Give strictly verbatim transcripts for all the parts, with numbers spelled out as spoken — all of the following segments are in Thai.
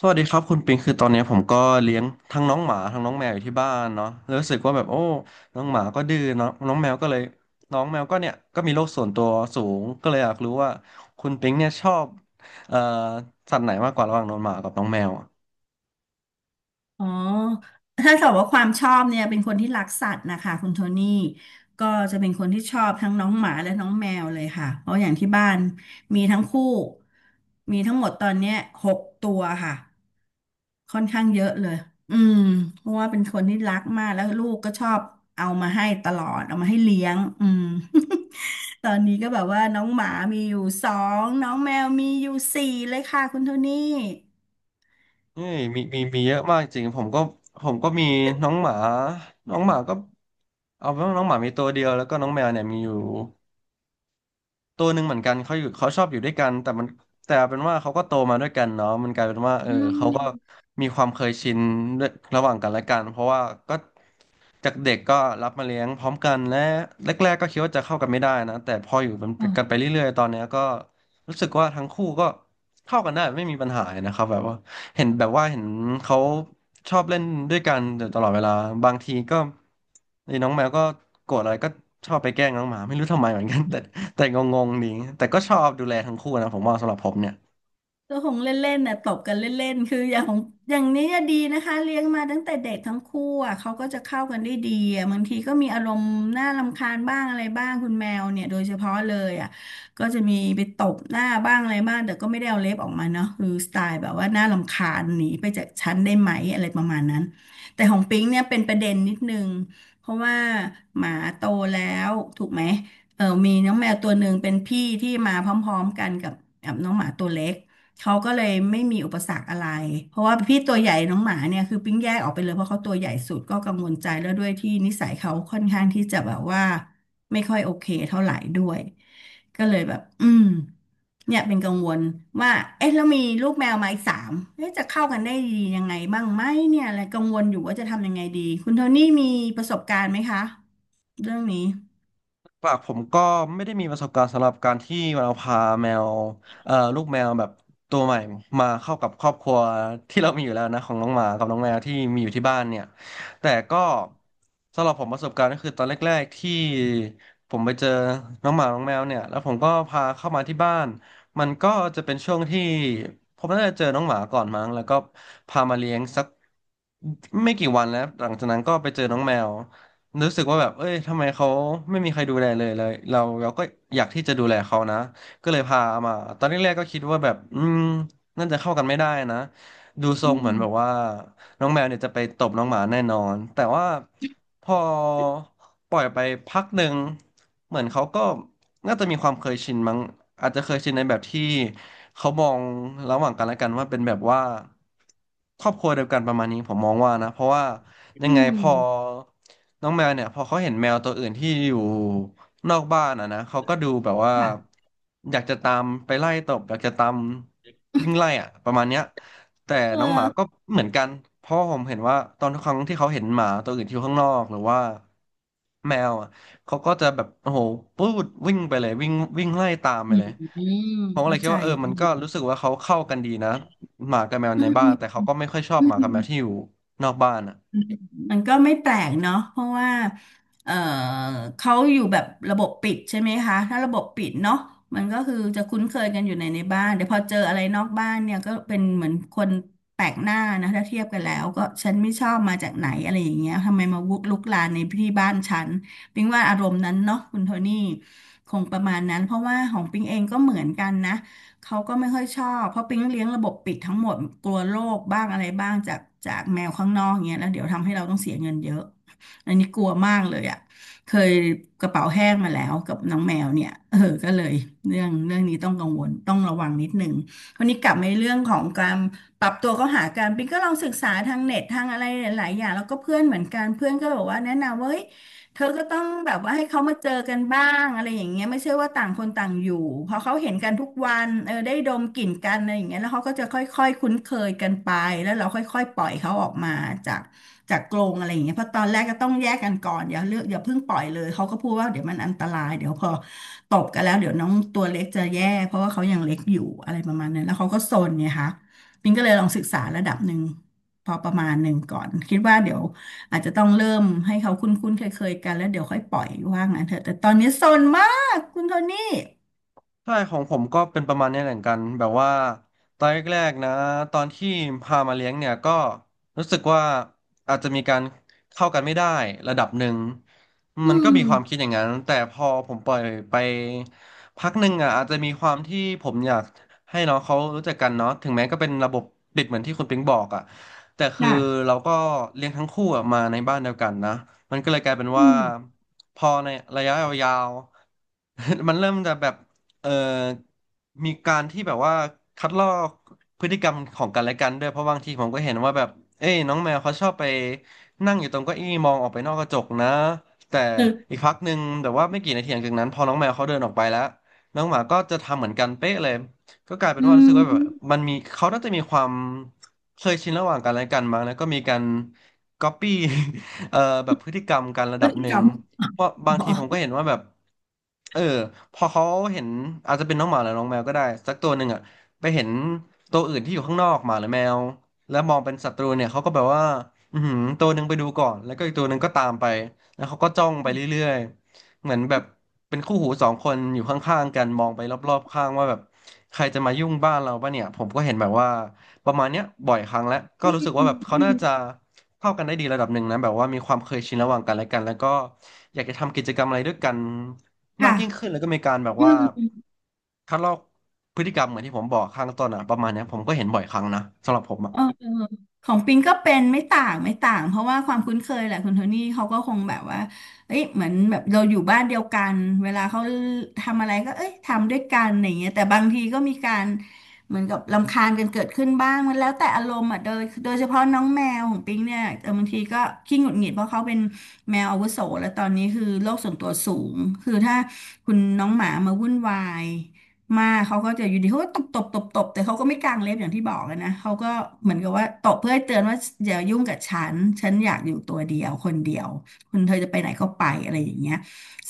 สวัสดีครับคุณปิงคือตอนเนี้ยผมก็เลี้ยงทั้งน้องหมาทั้งน้องแมวอยู่ที่บ้านเนาะแล้วรู้สึกว่าแบบโอ้น้องหมาก็ดื้อเนาะน้องแมวก็เลยน้องแมวก็เนี่ยก็มีโรคส่วนตัวสูงก็เลยอยากรู้ว่าคุณปิงเนี่ยชอบเอ่อสัตว์ไหนมากกว่าระหว่างน้องหมากับน้องแมวอะอ๋อถ้าถามว่าความชอบเนี่ยเป็นคนที่รักสัตว์นะคะคุณโทนี่ก็จะเป็นคนที่ชอบทั้งน้องหมาและน้องแมวเลยค่ะเพราะอย่างที่บ้านมีทั้งคู่มีทั้งหมดตอนเนี้ยหกตัวค่ะค่อนข้างเยอะเลยอืมเพราะว่าเป็นคนที่รักมากแล้วลูกก็ชอบเอามาให้ตลอดเอามาให้เลี้ยงอืม ตอนนี้ก็แบบว่าน้องหมามีอยู่สองน้องแมวมีอยู่สี่เลยค่ะคุณโทนี่เฮ้ยมีมีมีเยอะมากจริงผมก็ผมก็มีน้องหมาน้องหมาก็เอาเป็นว่าน้องหมามีตัวเดียวแล้วก็น้องแมวเนี่ยมีอยู่ ตัวหนึ่งเหมือนกันเขาอยู่เขาชอบอยู่ด้วยกันแต่มันแต่เป็นว่าเขาก็โตมาด้วยกันเนาะมันกลายเป็นว่าเอออืเขาม ก็มีความเคยชินด้วยระหว่างกันและกันเพราะว่าก็จากเด็กก็รับมาเลี้ยงพร้อมกันและแรกๆก็คิดว่าจะเข้ากันไม่ได้นะแต่พออยู่เป็นกันไปเรื่อยๆตอนเนี้ยก็รู้สึกว่าทั้งคู่ก็เข้ากันได้ไม่มีปัญหาเลยนะครับแบบว่าเห็นแบบว่าเห็นเขาชอบเล่นด้วยกันอยู่ตลอดเวลาบางทีก็ไอ้น้องแมวก็โกรธอะไรก็ชอบไปแกล้งน้องหมาไม่รู้ทำไมเหมือนกันแต่ แต่งงๆดีแต่ก็ชอบดูแลทั้งคู่นะผมว่าสำหรับผมเนี่ย ก็คงเล่นๆน่ะตบกันเล่นๆคืออย่างของอย่างนี้อะดีนะคะเลี้ยงมาตั้งแต่เด็กทั้งคู่อ่ะเขาก็จะเข้ากันได้ดีอ่ะบางทีก็มีอารมณ์น่ารำคาญบ้างอะไรบ้างคุณแมวเนี่ยโดยเฉพาะเลยอ่ะก็จะมีไปตบหน้าบ้างอะไรบ้างแต่ก็ไม่ได้เอาเล็บออกมาเนาะคือสไตล์แบบว่าน่ารำคาญหนีไปจากฉันได้ไหมอะไรประมาณนั้นแต่ของปิ๊งเนี่ยเป็นประเด็นนิดนึงเพราะว่าหมาโตแล้วถูกไหมเออมีน้องแมวตัวหนึ่งเป็นพี่ที่มาพร้อมๆกันกับกับน้องหมาตัวเล็ก เขาก็เลยไม่มีอุปสรรคอะไรเพราะว่าพี่ตัวใหญ่น้องหมาเนี่ยคือปิ้งแยกออกไปเลยเพราะเขาตัวใหญ่สุดก็กังวลใจแล้วด้วยที่นิสัยเขาค่อนข้างที่จะแบบว่าไม่ค่อยโอเคเท่าไหร่ด้วยก็เลยแบบอืมเนี่ยเป็นกังวลว่าเอ๊ะแล้วมีลูกแมวมาอีกสามเอ๊ะจะเข้ากันได้ดียังไงบ้างไหมเนี่ยอะไรกังวลอยู่ว่าจะทำยังไงดีคุณโทนี่มีประสบการณ์ไหมคะเรื่องนี้ปากผมก็ไม่ได้มีประสบการณ์สำหรับการที่เราพาแมวเอ่อลูกแมวแบบตัวใหม่มาเข้ากับครอบครัวที่เรามีอยู่แล้วนะของน้องหมากับน้องแมวที่มีอยู่ที่บ้านเนี่ยแต่ก็สำหรับผมประสบการณ์ก็คือตอนแรกๆที่ผมไปเจอน้องหมาน้องแมวเนี่ยแล้วผมก็พาเข้ามาที่บ้านมันก็จะเป็นช่วงที่ผมน่าจะเจอน้องหมาก่อนมั้งแล้วก็พามาเลี้ยงสักไม่กี่วันแล้วหลังจากนั้นก็ไปเจอน้องแมว รู้สึกว่าแบบ เอ้ยทำไมเขาไม่มีใครดูแลเลยเลยเราเราก็อยากที่จะดูแลเขานะ ก็เลยพามา ตอนแรกๆก็คิดว่าแบบ อืมน่าจะเข้ากันไม่ได้นะ ดูทรอืงเหมือมนแบบว่า น้องแมวเนี่ยจะไปตบน้องหมาแน่นอน แต่ว่าพอปล่อยไปพักหนึ่งเหมือนเขาก็น่าจะมีความเคยชินมั้งอาจจะเคยชินในแบบที่เขามองระหว่างกันและกันว่าเป็นแบบว่าครอบครัวเดียวกันประมาณนี้ผมมองว่านะเพราะว่ายัอืงไงพอมน้องแมวเนี่ยพอเขาเห็นแมวตัวอื่นที่อยู่นอกบ้านอ่ะนะเขาก็ดูแบบว่าค่ะอยากจะตามไปไล่ตบอยากจะตามวิ่งไล่อ่ะประมาณเนี้ย แต่น้องหเออมาก็เหมือนกันเพราะ่ผมเห็นว่าตอนทุกครั้งที่เขาเห็นหมาตัวอื่นที่อยู่ข้างนอกหรือว่าแมวอ่ะเขาก็จะแบบโอ้โหปูดวิ่งไปเลยวิ่งวิ่งไล่ตามไปอืเลยมผมก็เลเข้ายคิดใจว่าเออมันก็รู้สึกว่าเขาเข้ากันดีนะหมากับแมวอืในมบ้านแต่เขาก็ไม่ค่อยชอบอืหมาม กับแมวที่อยู่นอกบ้านอ่ะ มันก็ไม่แปลกเนาะเพราะว่าเอ่อเขาอยู่แบบระบบปิดใช่ไหมคะถ้าระบบปิดเนาะมันก็คือจะคุ้นเคยกันอยู่ในในบ้านแต่พอเจออะไรนอกบ้านเนี่ยก็เป็นเหมือนคนแปลกหน้านะถ้าเทียบกันแล้วก็ฉันไม่ชอบมาจากไหนอะไรอย่างเงี้ยทำไมมาวุกลุกลานในที่บ้านฉันปิงว่าอารมณ์นั้นเนาะคุณโทนี่คงประมาณนั้นเพราะว่าของปิงเองก็เหมือนกันนะ เขาก็ไม่ค่อยชอบเพราะปิ๊งเลี้ยงระบบปิดทั้งหมดกลัวโรคบ้างอะไรบ้างจากจากแมวข้างนอกเงี้ยแล้วเดี๋ยวทำให้เราต้องเสียเงินเยอะอันนี้กลัวมากเลยอ่ะเคยกระเป๋าแห้งมาแล้วกับน้องแมวเนี่ย เออก็เลยเรื่องเรื่องนี้ต้องกังวลต้องระวังนิดหนึ่งวันนี้กลับมาเรื่องของการปรับตัวเข้าหากันปิ๊งก็ลองศึกษาทางเน็ตทางอะไรหลายๆอย่างแล้วก็เพื่อนเหมือนกันเพื่อนก็บอกว่าแนะนำว่าเฮ้ย เธอก็ต้องแบบว่าให้เขามาเจอกันบ้างอะไรอย่างเงี้ยไม่ใช่ว่าต่างคนต่างอยู่พอเขาเห็นกันทุกวันเออได้ดมกลิ่นกันอะไรอย่างเงี้ยแล้วเขาก็จะค่อยๆคุ้นเคยกันไปแล้วเราค่อยๆปล่อยเขาออกมาจากจากกรงอะไรอย่างเงี้ยเพราะตอนแรกก็ต้องแยกกันก่อนอย่าเลือกอย่าเพิ่งปล่อยเลยเขาก็พูดว่าเดี๋ยวมันอันตรายเดี๋ยวพอตบกันแล้วเดี๋ยวน้องตัวเล็กจะแย่เพราะว่าเขายังเล็กอยู่อะไรประมาณนั้นแล้วเขาก็ซนไงคะปิงก็เลยลองศึกษาระดับหนึ่งพอประมาณหนึ่งก่อนคิดว่าเดี๋ยว อาจจะต้องเริ่มให้เขาคุ้นๆเคยๆกันแล้วเดี๋ยวค่อยปล่อยว่างั้นเถอะแต่ตอนนี้ซนมากคุณโทนี่ใช่ของผมก็เป็นประมาณนี้เหมือนกันแบบว่าตอนแรกๆนะตอนที่พามาเลี้ยงเนี่ยก็รู้สึกว่าอาจจะมีการเข้ากันไม่ได้ระดับหนึ่งอืมันก็มมีความคิดอย่างนั้นแต่พอผมปล่อยไปพักหนึ่งอ่ะอาจจะมีความที่ผมอยากให้น้องเขารู้จักกันเนาะถึงแม้ก็เป็นระบบปิดเหมือนที่คุณปิงบอกอ่ะแต่คือค่ะเราก็เลี้ยงทั้งคู่อะมาในบ้านเดียวกันนะมันก็เลยกลายเป็นอืว่ามพอในระยะยาวๆ มันเริ่มจะแบบ เอ่อมีการที่แบบว่าคัดลอกพฤติกรรมของกันและกันด้วยเพราะบางทีผมก็เห็นว่าแบบเอ้ยน้องแมวเขาชอบไปนั่งอยู่ตรงเก้าอี้มองออกไปนอกกระจกนะแต่อีกพักหนึ่งแต่ว่าไม่กี่นาทีหลังจากนั้นพอน้องแมวเขาเดินออกไปแล้วน้องหมาก็จะทำเหมือนกันเป๊ะเลยก็กลายเป็อืนว่ารู้สึกว่าแบบมมันมีเขาน่าจะมีความเคยชินระหว่างกันและกันมั้งแล้วก็มีการก๊อปปี้ เอ่อแบบพฤติกรรมกันระดับหนึ่จง อมเพราะบางขอทีผมก็เห็นว่าแบบเออพอเขาเห็นอาจจะเป็นน้องหมาหรือน้องแมวก็ได้สักตัวหนึ่งอ่ะไปเห็นตัวอื่นที่อยู่ข้างนอกหมาหรือแมวแล้วมองเป็นศัตรูเนี่ยเขาก็แบบว่าอือหือตัวหนึ่งไปดูก่อนแล้วก็อีกตัวหนึ่งก็ตามไปแล้วเขาก็จ้องไปเรื่อยๆเหมือนแบบเป็นคู่หูสองคนอยู่ข้างๆกันมองไปรอบๆข้างว่าแบบใครจะมายุ่งบ้านเราปะเนี่ยผมก็เห็นแบบว่า ประมาณเนี้ยบ่อยครั้งแล้วก็อืมรู้สึกว่าแบบเขาอืน่ามจะเข้ากันได้ดีระดับหนึ่งนะแบบว่ามีความเคยชินระหว่างกันและกันแล้วก็อยากจะทำกิจกรรมอะไรด้วยกันมาค่ะกยิ่งขึ้นแล้วก็มีการแบบอืว่าม คัดลอกพฤติกรรมเหมือนที่ผมบอกข้างต้นอะประมาณเนี้ยผมก็เห็นบ่อยครั้งนะสำหรับผมอะ เออเออของปิงก็เป็นไม่ต่างไม่ต่างเพราะว่าความคุ้นเคยแหละคุณโทนี่เขาก็คงแบบว่าเอ้ยเหมือนแบบเราอยู่บ้านเดียวกันเวลาเขาทำอะไรก็เอ้ยทำด้วยกันอย่างเงี้ยแต่บางทีก็มีการเหมือนกับรำคาญกันเกิดขึ้นบ้างมันแล้วแต่อารมณ์อ่ะโดยโดยเฉพาะน้องแมวของปิงเนี่ยเออบางทีก็ขี้หงุดหงิดเพราะเขาเป็นแมวอาวุโสแล้วตอนนี้คือโลกส่วนตัวสูงคือถ้าคุณน้องหมามาวุ่นวาย มาเขาก็จะอยู่ดีเขาก็ตบตบตบตบแต่เขาก็ไม่กางเล็บอย่างที่บอกอะนะเขาก็เหมือนกับว่าตบเพื่อให้เตือนว่าอย่ายุ่งกับฉันฉันอยากอยู่ตัวเดียวคนเดียวคุณเธอจะไปไหนก็ไปอะไรอย่างเงี้ย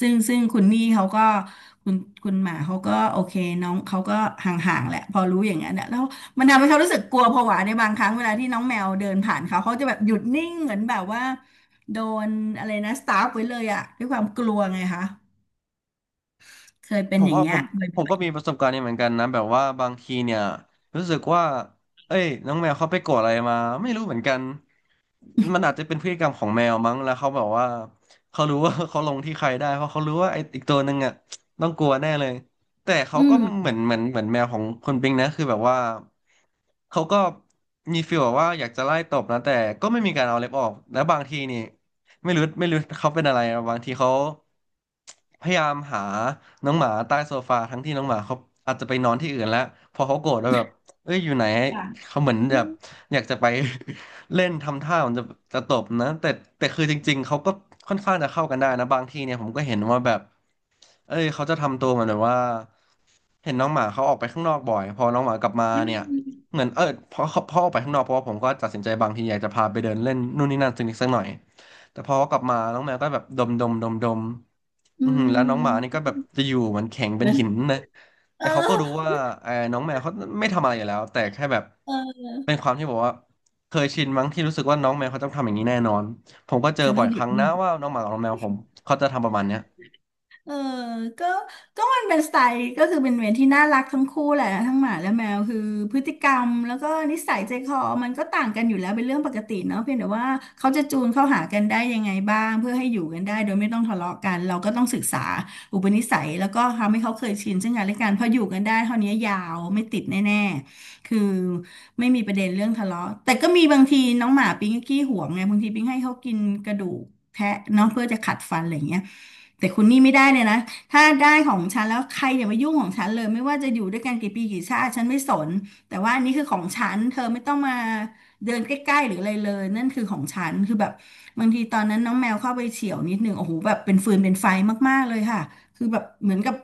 ซึ่งซึ่งคุณนี่เขาก็คุณคุณหมาเขาก็โอเคน้องเขาก็ห่างๆแหละพอรู้อย่างนั้นอะแล้วมันทำให้เขารู้สึกกลัวผวาในบางครั้งเวลาที่น้องแมวเดินผ่านเขาเขาจะแบบหยุดนิ่งเหมือนแบบว่าโดนอะไรนะสตาร์ฟไว้เลยอะด้วยความกลัวไงคะเคยเป็ผนมอย่างว่าผเงี้ยมบผม่อก็มียประสบการณ์นี้เหมือนกันนะแบบว่าบางทีเนี่ยรู้สึกว่าเอ้ยน้องแมวเขาไปโกรธอะไรมาไม่รู้เหมือนกันมันอาจจะเป็นพฤติกรรมของแมวมั้งแล้วเขาแบบว่าเขารู้ว่า เขาลงที่ใครได้เพราะเขารู้ว่าไอ้อีกตัวหนึ่งอ่ะต้องกลัวแน่เลยแต่ๆเขาอืก็มเหมือนเหมือนเหมือนแมวของคนปิงนะคือแบบว่าเขาก็มีฟีลแบบว่าอยากจะไล่ตบนะแต่ก็ไม่มีการเอาเล็บออกแล้วบางทีนี่ ไม่รู้ไม่รู้เขาเป็นอะไรอะบางทีเขาพยายามหาน้องหมาใต้โซฟาทั้งที่น้องหมาเขาอาจจะไปนอนที่อื่นแล้วพอเขาโกรธแล้วแบบเอ้ยอยู่ไหนค่ะ เขาเหมือนแบบอยากจะไป เล่นทำท่าเหมันจะจะตบนะแต่แต่คือจริงๆเขาก็ค่อนข้างจะเข้ากันได้นะบางทีเนี่ยผมก็เห็นว่าแบบเอ้ยเขาจะทำตัวเหมือนแบบว่าเห็นน้องหมาเขาออกไปข้างนอกบ่อยพอน้องหมากลับมาเนี่ยอเหมือนเออพอเขาพอออกไปข้างนอกเพราะว่าผมก็ตัดสินใจบางทีอยากจะพาไปเดินเล่นนู่นนี่นั่นสักนิดสักหน่อย แต่พอกลับมาน้องแมวก็แบบดมดมดมดมือือหือแล้วน้องหมานี่ก็ม แบบจะอยู่เหมือนแข็งเป็นหิ นนะแต่เอเขาก็รู้อว่าเออน้องแมวเขาไม่ทำอะไรอยู่แล้วแต่แค่แบบเออเป็นความที่บอกว่าเคยชินมั้งที่รู้สึกว่าน้องแมวเขาต้องทำอย่างนี้แน่นอนผมก็เจอฉันบ่ต้ออยงหคยุดรั้งนิ่นะง ว่าน้องหมากับน้องแมวผมเขาจะทำประมาณเนี้ย เออก็ก็มันเป็นสไตล์ก็คือเป็นเวรที่น่ารักทั้งคู่แหละทั้งหมาและแมวคือพฤติกรรมแล้วก็นิสัยใจคอมันก็ต่างกันอยู่แล้วเป็นเรื่องปกติเนาะเพียงแต่ว่าเขาจะจูนเข้าหากันได้ยังไงบ้างเพื่อให้อยู่กันได้โดยไม่ต้องทะเลาะกันเราก็ต้องศึกษาอุปนิสัยแล้วก็ทำให้เขาเคยชินซึ่งกันและกันพออยู่กันได้เท่านี้ยาวไม่ติดแน่ๆคือไม่มีประเด็นเรื่องทะเลาะแต่ก็มีบางทีน้องหมาปิ๊งก็ขี้หวงไงบางทีปิ๊งให้เขากินกระดูกแทะเนาะเพื่อจะขัดฟันอะไรอย่างเงี้ย แต่คุณนี่ไม่ได้เลยนะถ้าได้ของฉันแล้วใครอย่ามายุ่งของฉันเลยไม่ว่าจะอยู่ด้วยกันกี่ปีกี่ชาติฉันไม่สนแต่ว่าอันนี้คือของฉันเธอไม่ต้องมาเดินใกล้ๆหรืออะไรเลยนั่นคือของฉันคือแบบบางทีตอนนั้นน้องแมวเข้าไปเฉี่ยวนิดหนึ่งโอ้โหแบบเป็นฟืนเป็นไฟมากๆเลยค่ะ คือแบบเหมือนกับ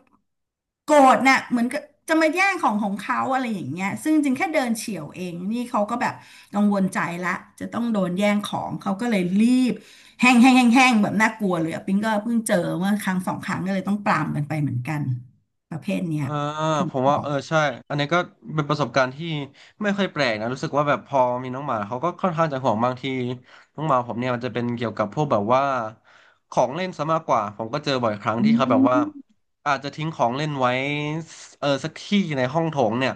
โกรธน่ะเหมือนกับจะมาแย่งของของเขาอะไรอย่างเงี้ยซึ่งจริงแค่เดินเฉี่ยวเองนี่เขาก็แบบกังวลใจละจะต้องโดนแย่งของเขาก็เลยรีบแห้งแห้งแห้งแห้งแบบน่ากลัวเลยอะปิ๊งก็เพิ่งเจอเมื่อครั้งสองครั้งก็เลยต้องปรามกันไปเหมือนกันประเภทเนี้เอยอถูผกมว่าต้องเออใช่อันนี้ก็เป็นประสบการณ์ที่ไม่ค่อยแปลกนะรู้สึกว่าแบบพอมีน้องหมาเขาก็ค่อนข้างจะห่วงบางทีน้องหมาผมเนี่ยมันจะเป็นเกี่ยวกับพวกแบบว่าของเล่นซะมากกว่าผมก็เจอบ่อยครั้งอืที่เขาแบบว่ามอาจจะทิ้งของเล่นไว้เออสักที่ในห้องโถงเนี่ย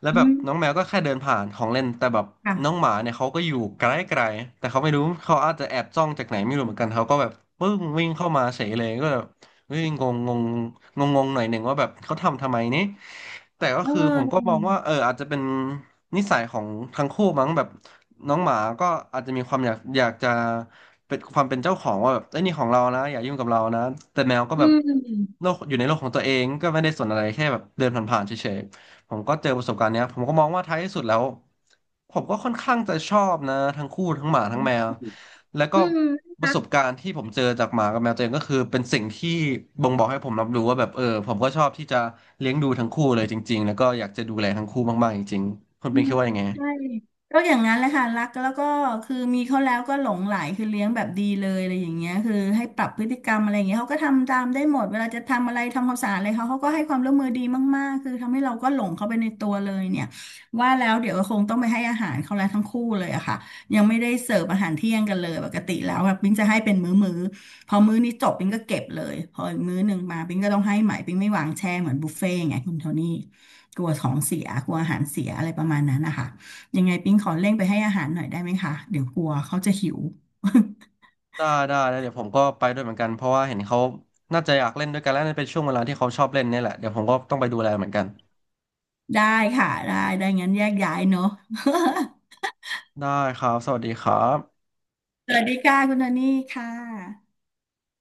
แล้วอืแบบมน้องแมวก็แค่เดินผ่านของเล่นแต่แบบค่ะน้องหมาเนี่ยเขาก็อยู่ไกลๆแต่เขาไม่รู้เขาอาจจะแอบจ้องจากไหนไม่รู้เหมือนกันเขาก็แบบปึ้งวิ่งเข้ามาเฉยเลยก็แบบ เฮ้ยงงงงงงงงหน่อยหนึ่งว่าแบบเขาทำทำไมนี่แต่ก็เคือผมก็มออองว่าเอออาจจะเป็นนิสัยของทั้งคู่มั้งแบบน้องหมาก็อาจจะมีความอยากอยากจะเป็นความเป็นเจ้าของว่าแบบไอ้ยนี่ของเรานะอย่ายุ่งกับเรานะแต่แมวก็อืแบบมโลกอยู่ในโลกของตัวเองก็ไม่ได้สนอะไรแค่แบบเดินผ่านๆเฉยๆ ผมก็เจอประสบการณ์เนี้ยผมก็มองว่าท้ายที่สุดแล้วผมก็ค่อนข้างจะชอบนะทั้งคู่ทั้งหมาทั้งแมวแล้วก็อืมประน่ารัสบก การณ์ที่ผมเจอจากหมากับแมวตัวเองก็คือเป็นสิ่งที่บ่งบอกให้ผมรับรู้ว่าแบบเออผมก็ชอบที่จะเลี้ยงดูทั้งคู่เลยจริงๆแล้วก็อยากจะดูแลทั้งคู่มากๆจริงๆคุณอืเป็นคิมดว่ายังไงใช่ก็อย่างนั้นแหละค่ะรักแล้วก็คือมีเขาแล้วก็หลงใหลคือเลี้ยงแบบดีเลยอะไรอย่างเงี้ยคือให้ปรับพฤติกรรมอะไรอย่างเงี้ยเขาก็ทำตามได้หมดเวลาจะทำอะไรทำความสะอาดอะไรเขาเขาก็ให้ความร่วมมือดีมากๆคือทำให้เราก็หลงเขาไปในตัวเลยเนี่ยว่าแล้วเดี๋ยวคงต้องไปให้อาหารเขาแล้วทั้งคู่เลยอะค่ะยังไม่ได้เสิร์ฟอาหารเที่ยงกันเลยปกติแล้วแบบมิ้งจะให้เป็นมื้อๆ พอมื้อนี้จบปิงก็เก็บเลยพออีกมื้อหนึ่งมาปิงก็ต้องให้ใหม่ปิงไม่วางแช่เหมือนบุฟเฟ่ต์ไงคุณโทนี่กลัวของเสียกลัวอาหารเสียอะไรประมาณนั้นนะคะยังไงปิงขอเร่งไปให้อาหารหน่อยได้ไหมคะเดี๋ยวกลัวเขาจะหิว ได้ได้แล้วเดี๋ยวผมก็ไปด้วยเหมือนกันเพราะว่าเห็นเขาน่าจะอยากเล่นด้วยกันแล้วน่าเป็นช่วงเวลาที่เขาชอบเล่นเนี่ยแหละเดี๋ยวผมก็ต้องไปดูแลเหมือนกัน ได้ค่ะได้ได้งั้นแยกย้ายเนอะ ได้ครับสวัสดีครับ สวัสดีค่ะคุณโทนี่ค่ะ